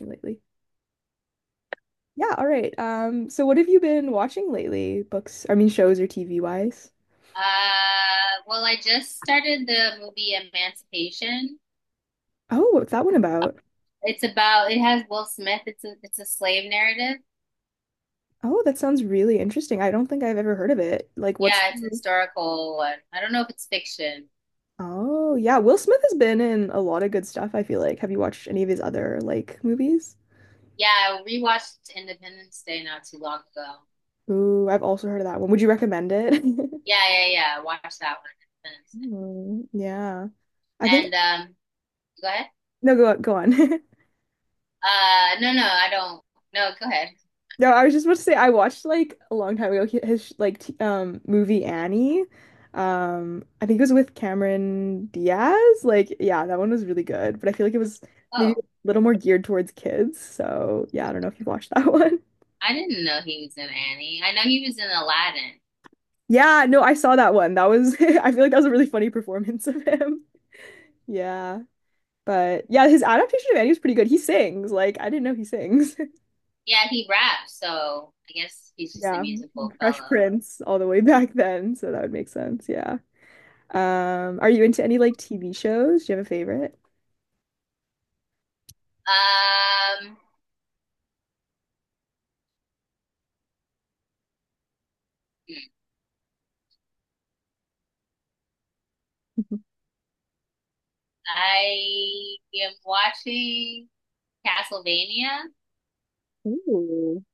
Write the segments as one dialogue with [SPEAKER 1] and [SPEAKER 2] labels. [SPEAKER 1] Lately. Yeah, all right. So what have you been watching lately? Books, I mean shows or TV wise?
[SPEAKER 2] Well, I just started the movie Emancipation.
[SPEAKER 1] Oh, what's that one about?
[SPEAKER 2] It's about it has Will Smith. It's a slave narrative.
[SPEAKER 1] Oh, that sounds really interesting. I don't think I've ever heard of it. Like what's
[SPEAKER 2] Yeah, it's a
[SPEAKER 1] the...
[SPEAKER 2] historical one. I don't know if it's fiction.
[SPEAKER 1] Oh, yeah, Will Smith has been in a lot of good stuff, I feel like. Have you watched any of his other like movies?
[SPEAKER 2] Yeah, I rewatched Independence Day not too long ago.
[SPEAKER 1] Ooh, I've also heard of that one. Would you recommend it?
[SPEAKER 2] Yeah, yeah, yeah. I watched that one. Independence
[SPEAKER 1] Mm, yeah. I
[SPEAKER 2] Day.
[SPEAKER 1] think
[SPEAKER 2] And um, go ahead.
[SPEAKER 1] no, go on.
[SPEAKER 2] No, I don't. No, go ahead.
[SPEAKER 1] No, I was just about to say I watched like a long time ago hi- his like t movie Annie. I think it was with Cameron Diaz. Like, yeah, that one was really good, but I feel like it was maybe a
[SPEAKER 2] Oh,
[SPEAKER 1] little more geared towards kids. So, yeah, I don't know if you've watched that one.
[SPEAKER 2] I didn't know he was in Annie. I know he was in Aladdin.
[SPEAKER 1] Yeah, no, I saw that one. That was I feel like that was a really funny performance of him. Yeah. But yeah, his adaptation of Annie was pretty good. He sings. Like, I didn't know he sings.
[SPEAKER 2] Yeah, he raps, so I guess he's just a
[SPEAKER 1] Yeah.
[SPEAKER 2] musical
[SPEAKER 1] Fresh
[SPEAKER 2] fellow.
[SPEAKER 1] Prince all the way back then, so that would make sense. Yeah. Are you into any like TV shows? Do you have a favorite?
[SPEAKER 2] Um,
[SPEAKER 1] Mhm.
[SPEAKER 2] I am watching Castlevania.
[SPEAKER 1] Ooh.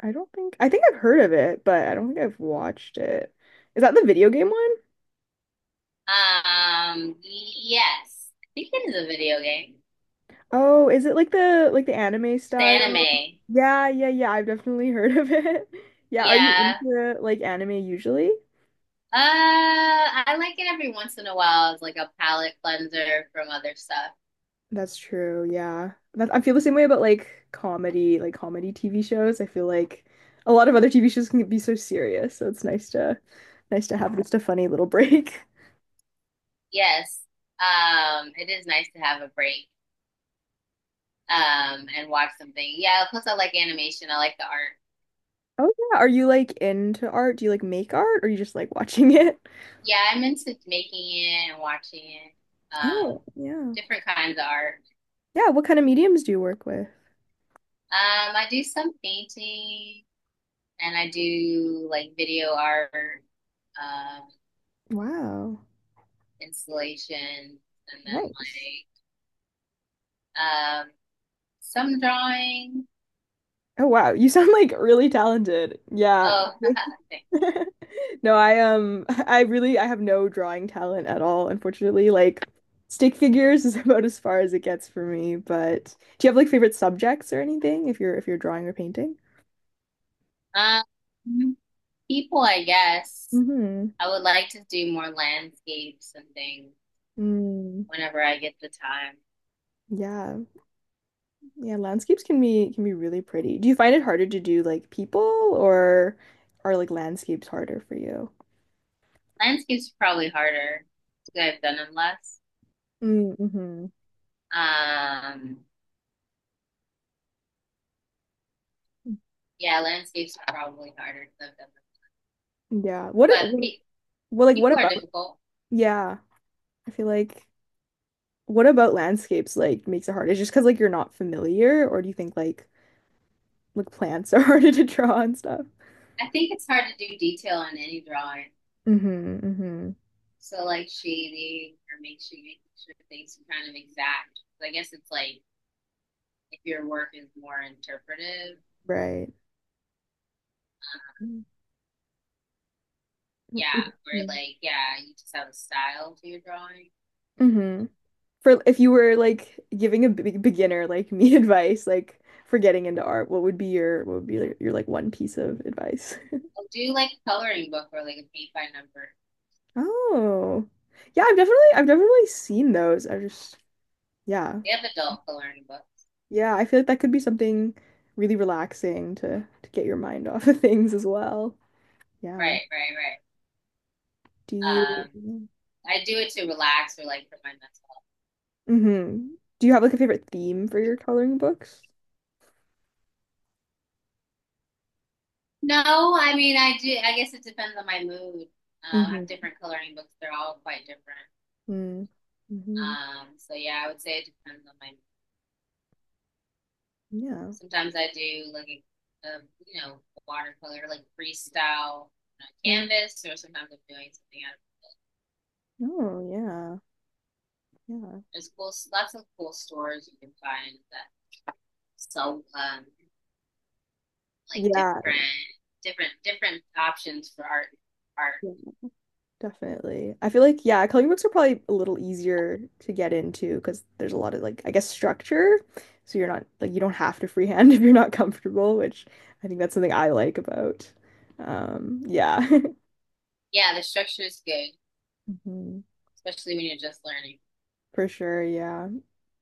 [SPEAKER 1] I don't think I think I've heard of it, but I don't think I've watched it. Is that the video game one?
[SPEAKER 2] Yes, I think it is a video game.
[SPEAKER 1] Oh, is it like the anime
[SPEAKER 2] It's
[SPEAKER 1] style?
[SPEAKER 2] anime.
[SPEAKER 1] Yeah, yeah, yeah. I've definitely heard of it. Yeah, are you
[SPEAKER 2] Yeah.
[SPEAKER 1] into like anime usually?
[SPEAKER 2] I like it every once in a while as like a palate cleanser from other stuff.
[SPEAKER 1] That's true. Yeah. That, I feel the same way about like comedy TV shows. I feel like a lot of other TV shows can be so serious, so it's nice to have just a funny little break.
[SPEAKER 2] Yes. It is nice to have a break. And watch something. Yeah. Plus, I like animation. I like the art.
[SPEAKER 1] Oh yeah. Are you like into art? Do you like make art or you just like watching it?
[SPEAKER 2] Yeah, I'm into making it and watching it. Um,
[SPEAKER 1] Oh, yeah.
[SPEAKER 2] different kinds of art.
[SPEAKER 1] Yeah, what kind of mediums do you work with?
[SPEAKER 2] I do some painting and I do like video art, um,
[SPEAKER 1] Wow.
[SPEAKER 2] installation, and then
[SPEAKER 1] Nice.
[SPEAKER 2] um, some drawing.
[SPEAKER 1] Oh wow, you sound like really talented. Yeah.
[SPEAKER 2] Oh, thanks.
[SPEAKER 1] No, I I really I have no drawing talent at all, unfortunately. Like stick figures is about as far as it gets for me, but do you have like favorite subjects or anything if you're drawing or painting?
[SPEAKER 2] um, People, I guess.
[SPEAKER 1] Mm-hmm.
[SPEAKER 2] I would like to do more landscapes and things
[SPEAKER 1] Mm,
[SPEAKER 2] whenever I get the time.
[SPEAKER 1] yeah. Yeah, landscapes can be really pretty. Do you find it harder to do like people or are like landscapes harder for you?
[SPEAKER 2] Landscapes are probably harder because I've done them less.
[SPEAKER 1] Mm-hmm.
[SPEAKER 2] Um, yeah, landscapes are probably harder because I've done them.
[SPEAKER 1] Yeah. What, it-
[SPEAKER 2] But
[SPEAKER 1] what
[SPEAKER 2] pe
[SPEAKER 1] well like what
[SPEAKER 2] people are
[SPEAKER 1] about
[SPEAKER 2] difficult.
[SPEAKER 1] yeah. I feel like what about landscapes like makes it hard? Is just because like you're not familiar, or do you think like plants are harder to draw and stuff?
[SPEAKER 2] I think it's hard to do detail on any drawing.
[SPEAKER 1] Mm-hmm, mm-hmm.
[SPEAKER 2] So like shading or make sure things are kind of exact. So I guess it's like if your work is more interpretive,
[SPEAKER 1] Right.
[SPEAKER 2] yeah, or like yeah, you just have a style to your drawing.
[SPEAKER 1] Mm-hmm. For if you were like giving a big beginner like me advice, like for getting into art, what would be your what would be like, your like one piece of advice?
[SPEAKER 2] I'll do like a coloring book or like a paint by number.
[SPEAKER 1] Oh. Yeah, I've definitely seen those. I just yeah.
[SPEAKER 2] They have adult coloring books.
[SPEAKER 1] Yeah, I feel like that could be something really relaxing to get your mind off of things as well. Yeah.
[SPEAKER 2] Right, right,
[SPEAKER 1] Do
[SPEAKER 2] right.
[SPEAKER 1] you
[SPEAKER 2] I do it to relax or like for my mental health.
[SPEAKER 1] hmm Do you have like a favorite theme for your coloring books?
[SPEAKER 2] No, I mean I do. I guess it depends on my mood. I have
[SPEAKER 1] Mm-hmm.
[SPEAKER 2] different coloring books. They're all quite different.
[SPEAKER 1] Mm-hmm.
[SPEAKER 2] So yeah, I would say it depends on my.
[SPEAKER 1] Yeah.
[SPEAKER 2] Sometimes I do like a you know watercolor like freestyle on a
[SPEAKER 1] Right.
[SPEAKER 2] canvas, or sometimes I'm doing something out. Of,
[SPEAKER 1] Oh, yeah. Yeah.
[SPEAKER 2] there's cool, lots of cool stores you can find that sell like different options for art. Art,
[SPEAKER 1] Yeah. Definitely. I feel like, yeah, coloring books are probably a little easier to get into because there's a lot of like, I guess, structure. So you're not like you don't have to freehand if you're not comfortable, which I think that's something I like about. Yeah.
[SPEAKER 2] yeah, the structure is good,
[SPEAKER 1] Mhm.
[SPEAKER 2] especially when you're just learning.
[SPEAKER 1] For sure, yeah.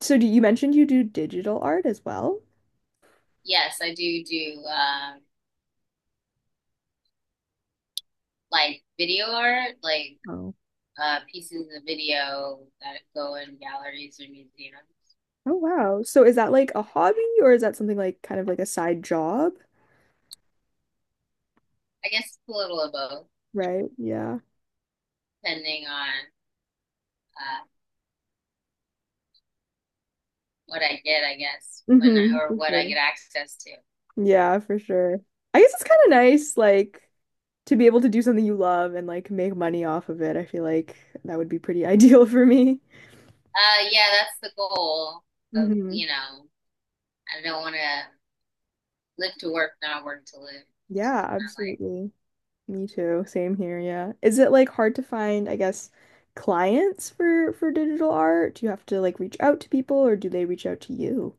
[SPEAKER 1] So do you mentioned you do digital art as well?
[SPEAKER 2] Yes, I do like video art, like
[SPEAKER 1] Oh.
[SPEAKER 2] pieces of video that go in galleries or museums.
[SPEAKER 1] Oh wow. So is that like a hobby or is that something like kind of like a side job?
[SPEAKER 2] I guess a little of both,
[SPEAKER 1] Right? Yeah.
[SPEAKER 2] depending on uh, what I get, I guess, when I,
[SPEAKER 1] hmm
[SPEAKER 2] or
[SPEAKER 1] For
[SPEAKER 2] what I
[SPEAKER 1] sure.
[SPEAKER 2] get access to.
[SPEAKER 1] Yeah, for sure. I guess it's kind of nice, like to be able to do something you love and like make money off of it, I feel like that would be pretty ideal for me.
[SPEAKER 2] Yeah, that's the goal of,
[SPEAKER 1] Hmm
[SPEAKER 2] you know, I don't want to live to work, not work to live. It's
[SPEAKER 1] Yeah,
[SPEAKER 2] not like,
[SPEAKER 1] absolutely. Me too. Same here, yeah. Is it like hard to find, I guess, clients for digital art? Do you have to like reach out to people or do they reach out to you?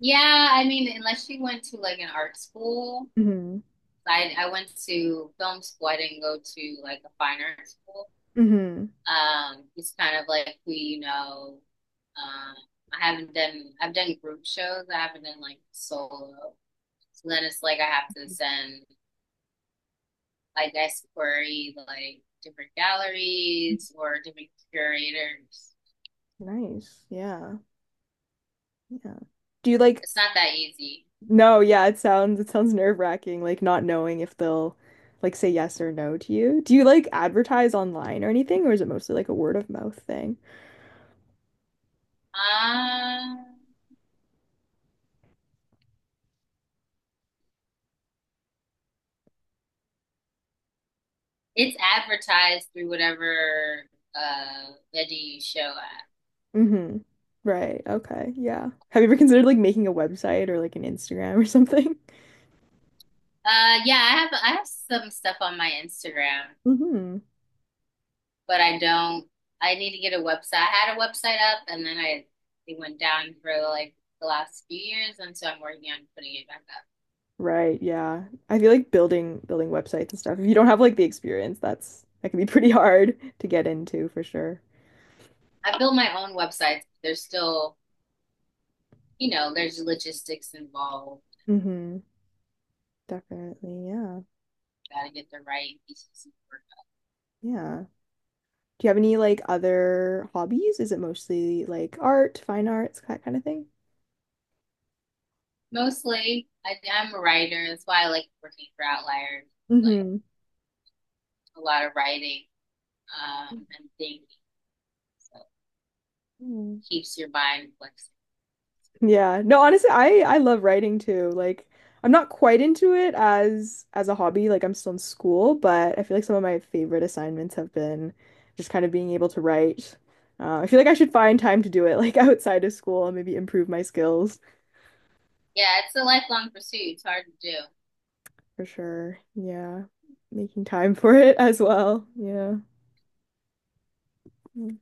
[SPEAKER 2] yeah, I mean, unless you went to like an art school,
[SPEAKER 1] Hmm
[SPEAKER 2] I went to film school. I didn't go to like a fine art school.
[SPEAKER 1] hmm
[SPEAKER 2] It's kind of like we, you know, um, I've done group shows. I haven't done like solo. So then it's like I have to send, like, I guess, query like different galleries or different curators.
[SPEAKER 1] Nice. Yeah. Yeah. Do you like
[SPEAKER 2] It's not that easy.
[SPEAKER 1] No, yeah, it sounds nerve-wracking, like not knowing if they'll like say yes or no to you. Do you like advertise online or anything, or is it mostly like a word of mouth thing?
[SPEAKER 2] Um, it's advertised through whatever veggie show at.
[SPEAKER 1] Mm-hmm. Right. Okay. Yeah. Have you ever considered like making a website or like an Instagram or something?
[SPEAKER 2] Yeah, I have some stuff on my Instagram,
[SPEAKER 1] Mm-hmm.
[SPEAKER 2] but I don't. I need to get a website. I had a website up, and then I it went down for like the last few years, and so I'm working on putting it back up.
[SPEAKER 1] Right. Yeah. I feel like building websites and stuff. If you don't have like the experience, that's that can be pretty hard to get into for sure.
[SPEAKER 2] I built my own websites. They're still you know, there's logistics involved.
[SPEAKER 1] Mm-hmm. Definitely. Yeah.
[SPEAKER 2] Gotta get the right pieces of work.
[SPEAKER 1] Yeah. Do you have any like other hobbies? Is it mostly like art, fine arts, that kind of thing?
[SPEAKER 2] Mostly, I'm a writer. That's why I like working for Outliers. Like
[SPEAKER 1] Hmm
[SPEAKER 2] a lot of writing and thinking, so
[SPEAKER 1] Mm.
[SPEAKER 2] keeps your mind flexible.
[SPEAKER 1] Yeah. No, honestly, I love writing too. Like I'm not quite into it as a hobby. Like I'm still in school, but I feel like some of my favorite assignments have been just kind of being able to write. I feel like I should find time to do it like outside of school and maybe improve my skills
[SPEAKER 2] Yeah, it's a lifelong pursuit. It's hard to do.
[SPEAKER 1] for sure. Yeah. Making time for it as well. Yeah. Mm,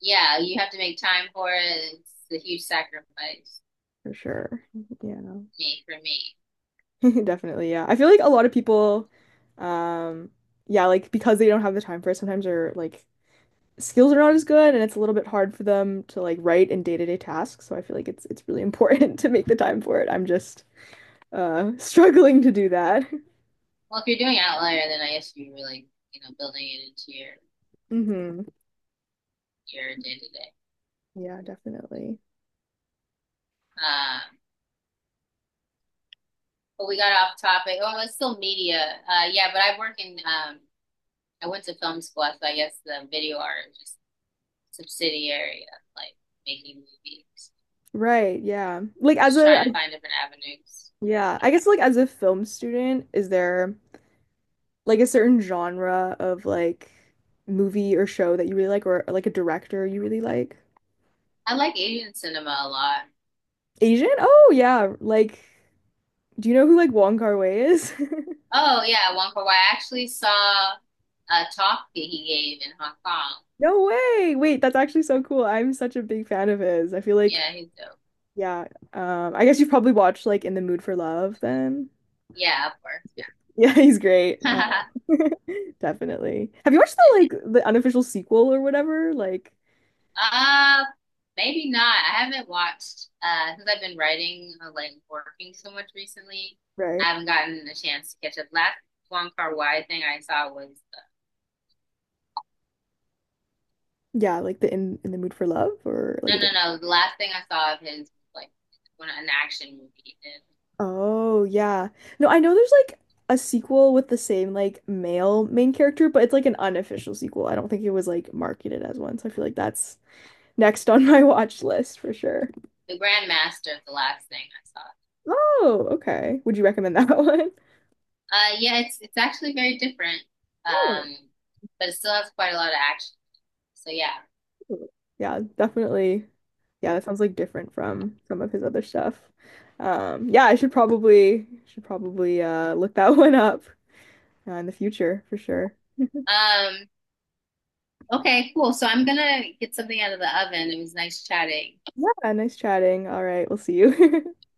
[SPEAKER 2] Yeah, you have to make time for it. It's a huge sacrifice.
[SPEAKER 1] for sure. Yeah.
[SPEAKER 2] Me For me.
[SPEAKER 1] Definitely, yeah. I feel like a lot of people, um, yeah, like because they don't have the time for it, sometimes their like skills are not as good and it's a little bit hard for them to like write in day-to-day tasks. So I feel like it's really important to make the time for it. I'm just struggling to do that.
[SPEAKER 2] Well, if you're doing Outlier, then I guess you're really you know building it into
[SPEAKER 1] hmm
[SPEAKER 2] your day to day.
[SPEAKER 1] Yeah, definitely.
[SPEAKER 2] Um, But we got off topic. Oh, it's still media. Yeah, but I work in. I went to film school, so I guess the video art is just subsidiary of like making movies.
[SPEAKER 1] Right, yeah. Like as
[SPEAKER 2] Just
[SPEAKER 1] a
[SPEAKER 2] trying to find different avenues.
[SPEAKER 1] yeah, I guess like as a film student, is there like a certain genre of like movie or show that you really like or like a director you really like?
[SPEAKER 2] I like Asian cinema a lot.
[SPEAKER 1] Asian? Oh yeah, like do you know who like Wong Kar-wai is?
[SPEAKER 2] Oh yeah, Wong Kar Wai. I actually saw a talk that he gave in Hong Kong.
[SPEAKER 1] No way. Wait, that's actually so cool. I'm such a big fan of his. I feel like
[SPEAKER 2] Yeah, he's dope.
[SPEAKER 1] yeah, I guess you've probably watched like In the Mood for Love then.
[SPEAKER 2] Yeah, of course.
[SPEAKER 1] Yeah, he's great.
[SPEAKER 2] Yeah.
[SPEAKER 1] Definitely. Have you watched the like the unofficial sequel or whatever? Like
[SPEAKER 2] Uh, Maybe not. I haven't watched since I've been writing like working so much recently.
[SPEAKER 1] right.
[SPEAKER 2] I haven't gotten a chance to catch up. Last Wong Kar-wai thing I saw was
[SPEAKER 1] Yeah, like the In the Mood for Love or like a
[SPEAKER 2] no, no,
[SPEAKER 1] different
[SPEAKER 2] no. The last thing I saw of his was like when an action movie, and
[SPEAKER 1] Oh, yeah. No, I know there's like a sequel with the same like male main character, but it's like an unofficial sequel. I don't think it was like marketed as one, so I feel like that's next on my watch list for sure.
[SPEAKER 2] the Grand Master of the last thing I saw.
[SPEAKER 1] Oh, okay. Would you recommend that one?
[SPEAKER 2] Yeah, it's actually very different.
[SPEAKER 1] Oh,
[SPEAKER 2] Um, but it still has quite a lot of action. So yeah.
[SPEAKER 1] cool. Yeah, definitely. Yeah, that sounds like different from some of his other stuff. Yeah, I should probably look that one up in the future for sure.
[SPEAKER 2] Um, okay, cool. So I'm gonna get something out of the oven. It was nice chatting.
[SPEAKER 1] Yeah, nice chatting. All right, we'll see you.